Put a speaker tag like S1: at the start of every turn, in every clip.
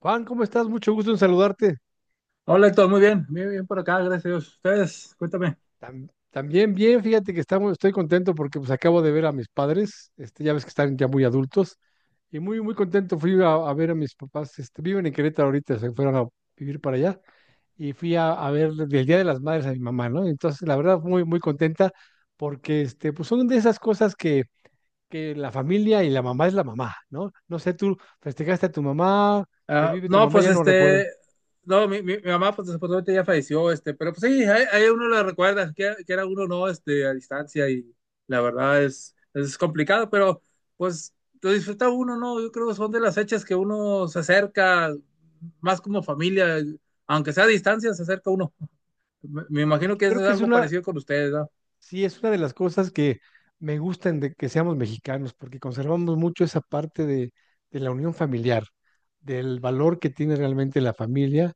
S1: Juan, ¿cómo estás? Mucho gusto en saludarte.
S2: Hola Héctor, muy bien por acá, gracias a Dios. Ustedes, cuéntame.
S1: También bien, fíjate que estoy contento porque pues acabo de ver a mis padres, este, ya ves que están ya muy adultos, y muy, muy contento fui a ver a mis papás, este, viven en Querétaro ahorita, se fueron a vivir para allá, y fui a ver del Día de las Madres a mi mamá, ¿no? Entonces, la verdad, muy, muy contenta porque, este, pues son de esas que la familia y la mamá es la mamá, ¿no? No sé, tú festejaste a tu mamá, te
S2: Ah,
S1: vive tu
S2: no,
S1: mamá,
S2: pues
S1: ya no recuerdo.
S2: no, mi mamá pues desafortunadamente ya falleció, pero pues sí, ahí uno la recuerda, que era uno no, a distancia y la verdad es complicado, pero pues lo disfruta uno, ¿no? Yo creo que son de las fechas que uno se acerca más como familia, aunque sea a distancia, se acerca uno. Me
S1: Y
S2: imagino
S1: que
S2: que eso
S1: creo
S2: es
S1: que es
S2: algo
S1: una,
S2: parecido con ustedes, ¿no?
S1: Sí, es una de las cosas que me gustan de que seamos mexicanos, porque conservamos mucho esa de la unión familiar, del valor que tiene realmente la familia.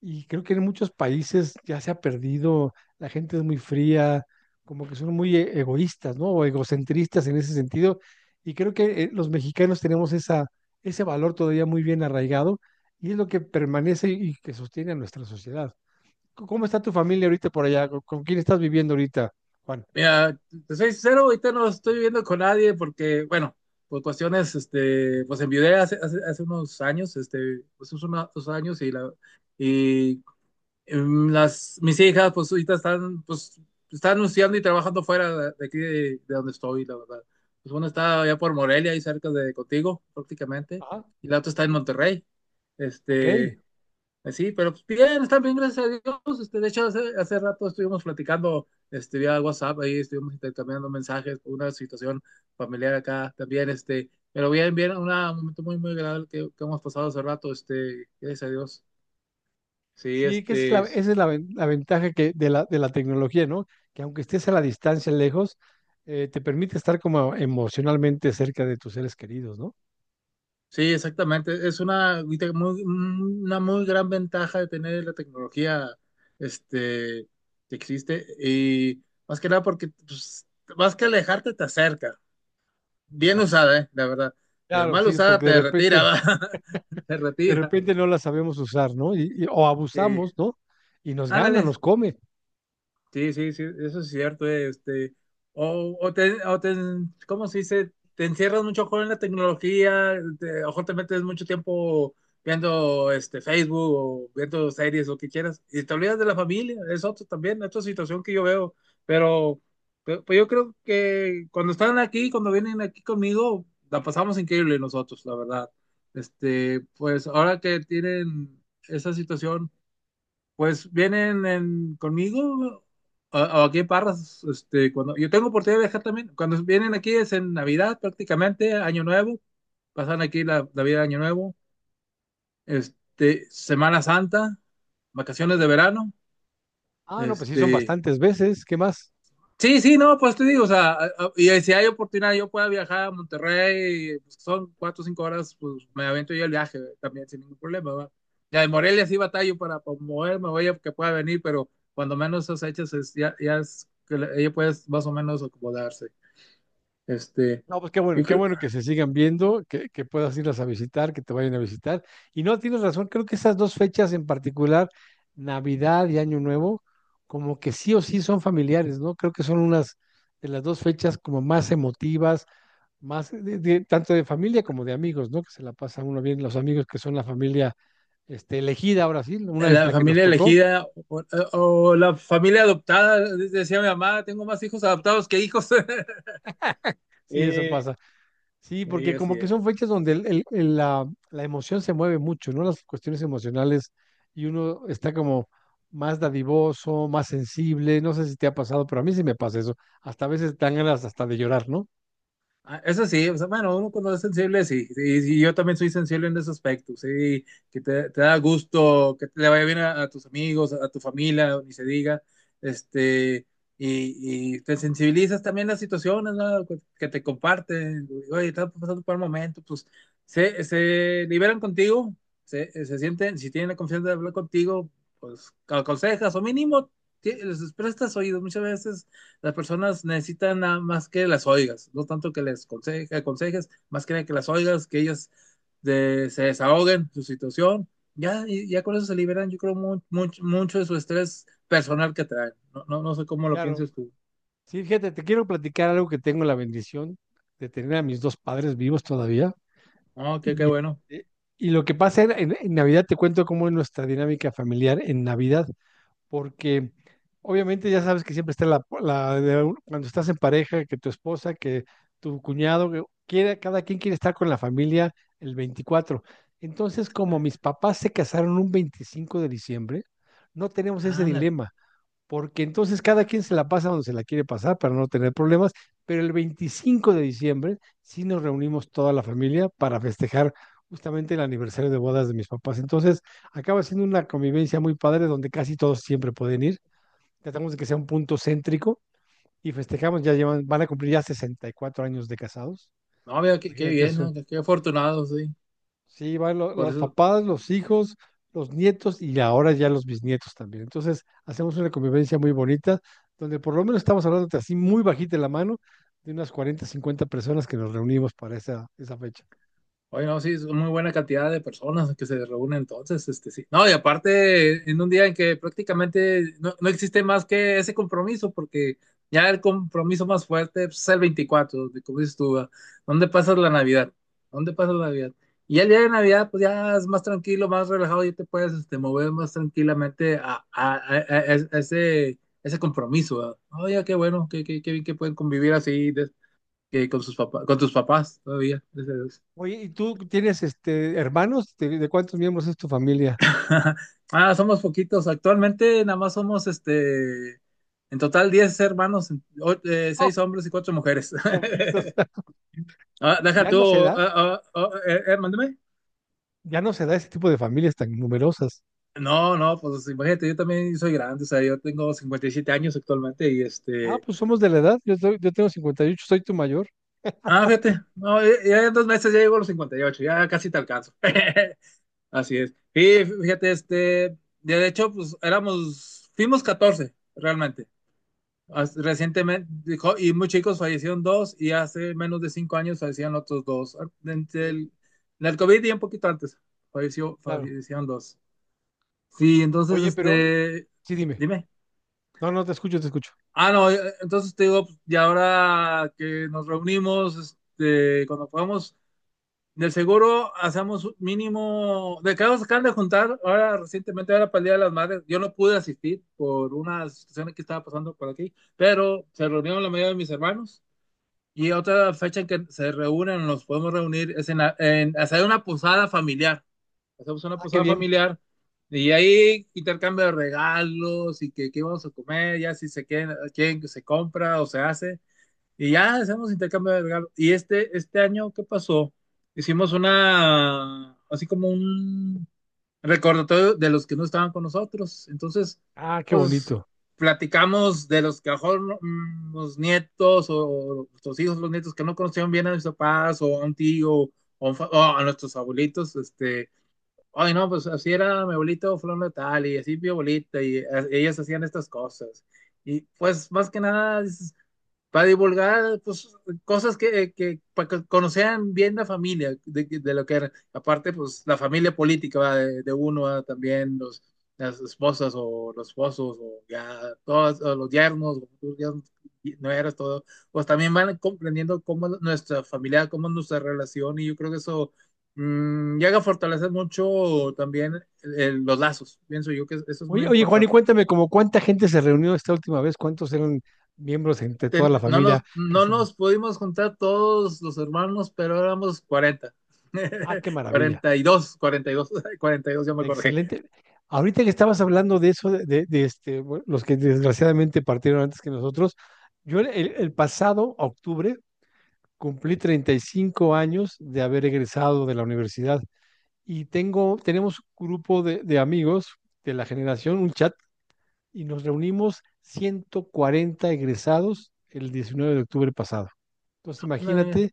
S1: Y creo que en muchos países ya se ha perdido, la gente es muy fría, como que son muy egoístas, ¿no? O egocentristas en ese sentido. Y creo que los mexicanos tenemos ese valor todavía muy bien arraigado y es lo que permanece y que sostiene a nuestra sociedad. ¿Cómo está tu familia ahorita por allá? ¿Con quién estás viviendo ahorita, Juan?
S2: Mira, te soy sincero, ahorita no estoy viviendo con nadie porque, bueno, por cuestiones, pues enviudé hace unos años, pues hace unos 2 años y mis hijas, pues ahorita están, pues, están anunciando y trabajando fuera de aquí de donde estoy, la verdad. Pues una está allá por Morelia, ahí cerca de contigo, prácticamente,
S1: Ajá.
S2: y la otra
S1: Sí,
S2: está en
S1: sí.
S2: Monterrey.
S1: Ok.
S2: Este, pues sí, pero pues, bien, están bien, gracias a Dios. De hecho, hace rato estuvimos platicando vía WhatsApp, ahí estuvimos intercambiando mensajes por una situación familiar acá también. Pero bien, bien, un momento muy, muy agradable que hemos pasado hace rato. Gracias a Dios. Sí,
S1: Sí, que esa es la, ven- la ventaja de la tecnología, ¿no? Que aunque estés a la distancia lejos, te permite estar como emocionalmente cerca de tus seres queridos, ¿no?
S2: sí, exactamente. Es una muy gran ventaja de tener la tecnología este, que existe y más que nada porque pues, más que alejarte te acerca. Bien
S1: Exacto.
S2: usada, ¿eh? La verdad. Pero
S1: Claro,
S2: mal
S1: sí,
S2: usada
S1: porque
S2: te retira, ¿va? Te
S1: de
S2: retira.
S1: repente no la sabemos usar, ¿no? O
S2: Sí.
S1: abusamos, ¿no? Y nos gana, nos
S2: Ándale,
S1: come.
S2: sí, sí, sí, eso es cierto, o, o te, o te, ¿cómo se dice? Te encierras mucho con la tecnología, te, a lo mejor te metes mucho tiempo viendo Facebook o viendo series o que quieras, y te olvidas de la familia, es otro también, otra situación que yo veo, pero pues yo creo que cuando están aquí, cuando vienen aquí conmigo, la pasamos increíble nosotros, la verdad. Pues ahora que tienen esa situación pues vienen conmigo o aquí en Parras, cuando yo tengo oportunidad de viajar también. Cuando vienen aquí es en Navidad prácticamente, Año Nuevo, pasan aquí la Navidad, Año Nuevo, Semana Santa, vacaciones
S1: Sí.
S2: de verano.
S1: Ah, no, pues sí, son
S2: este,
S1: bastantes veces. ¿Qué más?
S2: Sí, sí, no, pues te digo, o sea, y si hay oportunidad, yo pueda viajar a Monterrey, pues, son 4 o 5 horas, pues me avento yo el viaje, ¿verdad? También sin ningún problema, ¿va? Ya de Morelia sí batallo para moverme, oye, que pueda venir, pero cuando menos esas fechas ya es que ella puede más o menos acomodarse. Este,
S1: No, pues
S2: yo
S1: qué
S2: creo,
S1: bueno que se sigan viendo, que puedas irlas a visitar, que te vayan a visitar. Y no, tienes razón, creo que esas dos fechas en particular, Navidad y Año Nuevo, como que sí o sí son familiares, ¿no? Creo que son unas de las dos fechas como más emotivas, más tanto de familia como de amigos, ¿no? Que se la pasa uno bien, los amigos que son la familia este, elegida ahora sí, una es
S2: la
S1: la que nos
S2: familia
S1: tocó,
S2: elegida o la familia adoptada, decía mi mamá, tengo más hijos adoptados que hijos.
S1: sí, eso
S2: Eh,
S1: pasa. Sí,
S2: Y
S1: porque como
S2: así
S1: que son
S2: es.
S1: fechas donde la emoción se mueve mucho, ¿no? Las cuestiones emocionales y uno está como más dadivoso, más sensible, no sé si te ha pasado, pero a mí sí me pasa eso. Hasta a veces dan ganas hasta de llorar, ¿no?
S2: Ah, eso sí, o sea, bueno, uno cuando es sensible, sí, sí, sí, yo también soy sensible en ese aspecto, sí, que te da gusto, que te le vaya bien a tus amigos, a tu familia, ni se diga, este, y te sensibilizas también las situaciones, ¿no? Que te comparten, oye, estás pasando por un momento, pues se liberan contigo, se sienten, si tienen la confianza de hablar contigo, pues aconsejas o mínimo les prestas oídos, muchas veces las personas necesitan nada más que las oigas, no tanto que les aconsejes, más que las oigas, que ellas se desahoguen su situación. Ya, ya con eso se liberan, yo creo, mucho de su estrés personal que traen. No, no, no sé cómo lo
S1: Claro.
S2: pienses tú.
S1: Sí, fíjate, te quiero platicar algo que tengo la bendición de tener a mis dos padres vivos todavía.
S2: No, qué
S1: Y,
S2: bueno.
S1: eh, y lo que pasa en Navidad, te cuento cómo es nuestra dinámica familiar en Navidad. Porque obviamente ya sabes que siempre está cuando estás en pareja, que tu esposa, que tu cuñado, que quiere, cada quien quiere estar con la familia el 24. Entonces, como mis papás se casaron un 25 de diciembre, no tenemos ese
S2: Ándale.
S1: dilema porque entonces cada quien se la pasa donde se la quiere pasar para no tener problemas, pero el 25 de diciembre sí nos reunimos toda la familia para festejar justamente el aniversario de bodas de mis papás. Entonces acaba siendo una convivencia muy padre donde casi todos siempre pueden ir. Tratamos de que sea un punto céntrico y festejamos, ya llevan, van a cumplir ya 64 años de casados.
S2: No, mira, qué
S1: Imagínate
S2: bien,
S1: eso.
S2: ¿no? Qué afortunado, sí.
S1: Sí, van
S2: Por
S1: los
S2: eso.
S1: papás, los hijos, los nietos y ahora ya los bisnietos también. Entonces, hacemos una convivencia muy bonita, donde por lo menos estamos hablando de así muy bajita la mano, de unas 40, 50 personas que nos reunimos para esa fecha.
S2: Oye, no, sí, es una muy buena cantidad de personas que se reúnen entonces, sí. No, y aparte, en un día en que prácticamente no existe más que ese compromiso, porque ya el compromiso más fuerte pues, es el 24 de como dices tú, ¿verdad? ¿Dónde pasas la Navidad? ¿Dónde pasas la Navidad? Y ya el día de Navidad, pues ya es más tranquilo, más relajado, ya te puedes, mover más tranquilamente a ese compromiso, ¿verdad? Oye, qué bueno, qué, qué bien que pueden convivir así de- que con sus papás, con tus papás todavía, gracias a Dios.
S1: Oye, ¿y tú tienes este hermanos? De cuántos miembros es tu familia?
S2: Ah, somos poquitos. Actualmente nada más somos, en total 10 hermanos,
S1: Oh,
S2: seis hombres y 4 mujeres.
S1: poquitos.
S2: Ah, deja
S1: Ya
S2: tú,
S1: no se da,
S2: mándeme.
S1: ya no se da ese tipo de familias tan numerosas.
S2: No, no, pues imagínate, yo también soy grande, o sea, yo tengo 57 años actualmente.
S1: Ah, pues somos de la edad. Yo tengo 58. Soy tu mayor.
S2: Ah, fíjate, no, ya en 2 meses ya llego a los 58. Ya casi te alcanzo. Así es. Y fíjate, de hecho, pues fuimos 14, realmente. Recientemente, dijo, y muy chicos fallecieron dos y hace menos de 5 años fallecían otros dos. Ah, Entre
S1: Sí,
S2: el, en el COVID y un poquito antes falleció,
S1: claro.
S2: fallecieron dos. Sí, entonces,
S1: Oye, pero sí, dime.
S2: dime.
S1: No, no, te escucho, te escucho.
S2: Ah, no, entonces te digo, pues, y ahora que nos reunimos, cuando podamos, del seguro hacemos un mínimo, de que acaban de juntar, ahora recientemente, ahora para el Día de las Madres, yo no pude asistir por una situación que estaba pasando por aquí, pero se reunieron la mayoría de mis hermanos. Y otra fecha en que se reúnen, nos podemos reunir, es en hacer una posada familiar. Hacemos una
S1: Ah, qué
S2: posada
S1: bien.
S2: familiar y ahí intercambio de regalos y que, qué vamos a comer, ya si quieren que se compra o se hace. Y ya hacemos intercambio de regalos. Y este año, ¿qué pasó? Hicimos así como un, recordatorio de los que no estaban con nosotros. Entonces,
S1: Ah, qué
S2: pues
S1: bonito.
S2: platicamos de los que a lo mejor no, los nietos o nuestros hijos, los nietos que no conocieron bien a nuestros papás o a un tío o a nuestros abuelitos, ay no, pues así era mi abuelito fulano de tal y así mi abuelita y ellas hacían estas cosas. Y pues más que nada dices, para divulgar pues, cosas para que conocieran bien la familia, de lo que era. Aparte, pues la familia política, ¿va? De uno, ¿va? También las esposas o los esposos, o ya todos o los yernos, no eras todo. Pues también van comprendiendo cómo es nuestra familia, cómo es nuestra relación, y yo creo que eso llega a fortalecer mucho también los lazos. Pienso yo que eso es muy
S1: Oye, oye, Juan, y
S2: importante.
S1: cuéntame, ¿como cuánta gente se reunió esta última vez? ¿Cuántos eran miembros entre toda la
S2: No
S1: familia
S2: nos,
S1: que
S2: no
S1: se reunió?
S2: nos pudimos juntar todos los hermanos, pero éramos 40
S1: Ah, qué maravilla.
S2: 42 42 ya me acordé.
S1: Excelente. Ahorita que estabas hablando de eso, este, bueno, los que desgraciadamente partieron antes que nosotros, yo el pasado octubre cumplí 35 años de haber egresado de la universidad y tenemos un grupo de amigos de la generación, un chat y nos reunimos 140 egresados el 19 de octubre pasado. Entonces
S2: Ándale, mira.
S1: imagínate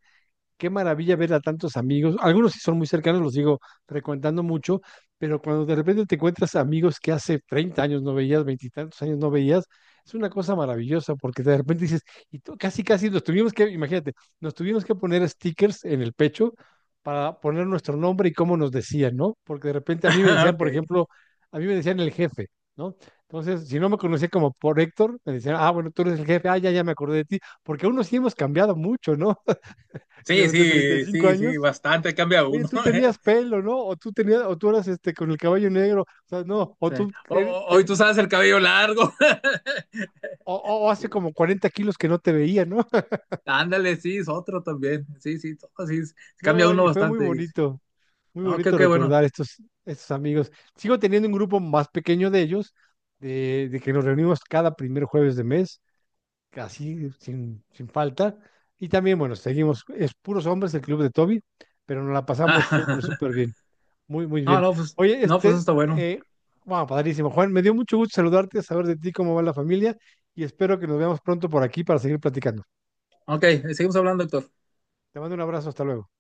S1: qué maravilla ver a tantos amigos. Algunos sí son muy cercanos, los sigo frecuentando mucho, pero cuando de repente te encuentras amigos que hace 30 años no veías, veintitantos años no veías, es una cosa maravillosa porque de repente dices, y tú, casi, casi nos tuvimos que, imagínate, nos tuvimos que poner stickers en el pecho para poner nuestro nombre y cómo nos decían, ¿no? Porque de repente a mí me decían,
S2: Ok.
S1: por ejemplo, a mí me decían el jefe, ¿no? Entonces, si no me conocía como por Héctor, me decían, ah, bueno, tú eres el jefe, ah, ya, ya me acordé de ti, porque uno sí hemos cambiado mucho, ¿no?
S2: Sí,
S1: Durante treinta y
S2: sí,
S1: cinco
S2: sí, sí,
S1: años,
S2: bastante cambia
S1: oye,
S2: uno.
S1: tú tenías pelo, ¿no? O tú tenías, o tú eras este con el cabello negro, o sea, no, o
S2: Sí.
S1: tú eres-
S2: Hoy
S1: te-
S2: tú sabes el cabello largo.
S1: o hace
S2: Sí.
S1: como 40 kilos que no te veía, ¿no?
S2: Ándale, sí, es otro también. Sí, sí, todo, sí, cambia
S1: No,
S2: uno
S1: y fue
S2: bastante.
S1: muy
S2: No, qué,
S1: bonito
S2: qué bueno.
S1: recordar estos amigos. Sigo teniendo un grupo más pequeño de ellos, de que nos reunimos cada primer jueves de mes, casi sin falta. Y también, bueno, seguimos, es puros hombres el club de Toby, pero nos la pasamos súper, súper bien. Muy, muy
S2: No,
S1: bien.
S2: no, pues,
S1: Oye,
S2: no, pues eso
S1: este,
S2: está bueno.
S1: wow, padrísimo. Juan, me dio mucho gusto saludarte, saber de ti, cómo va la familia, y espero que nos veamos pronto por aquí para seguir platicando.
S2: Ok, seguimos hablando, doctor.
S1: Te mando un abrazo, hasta luego.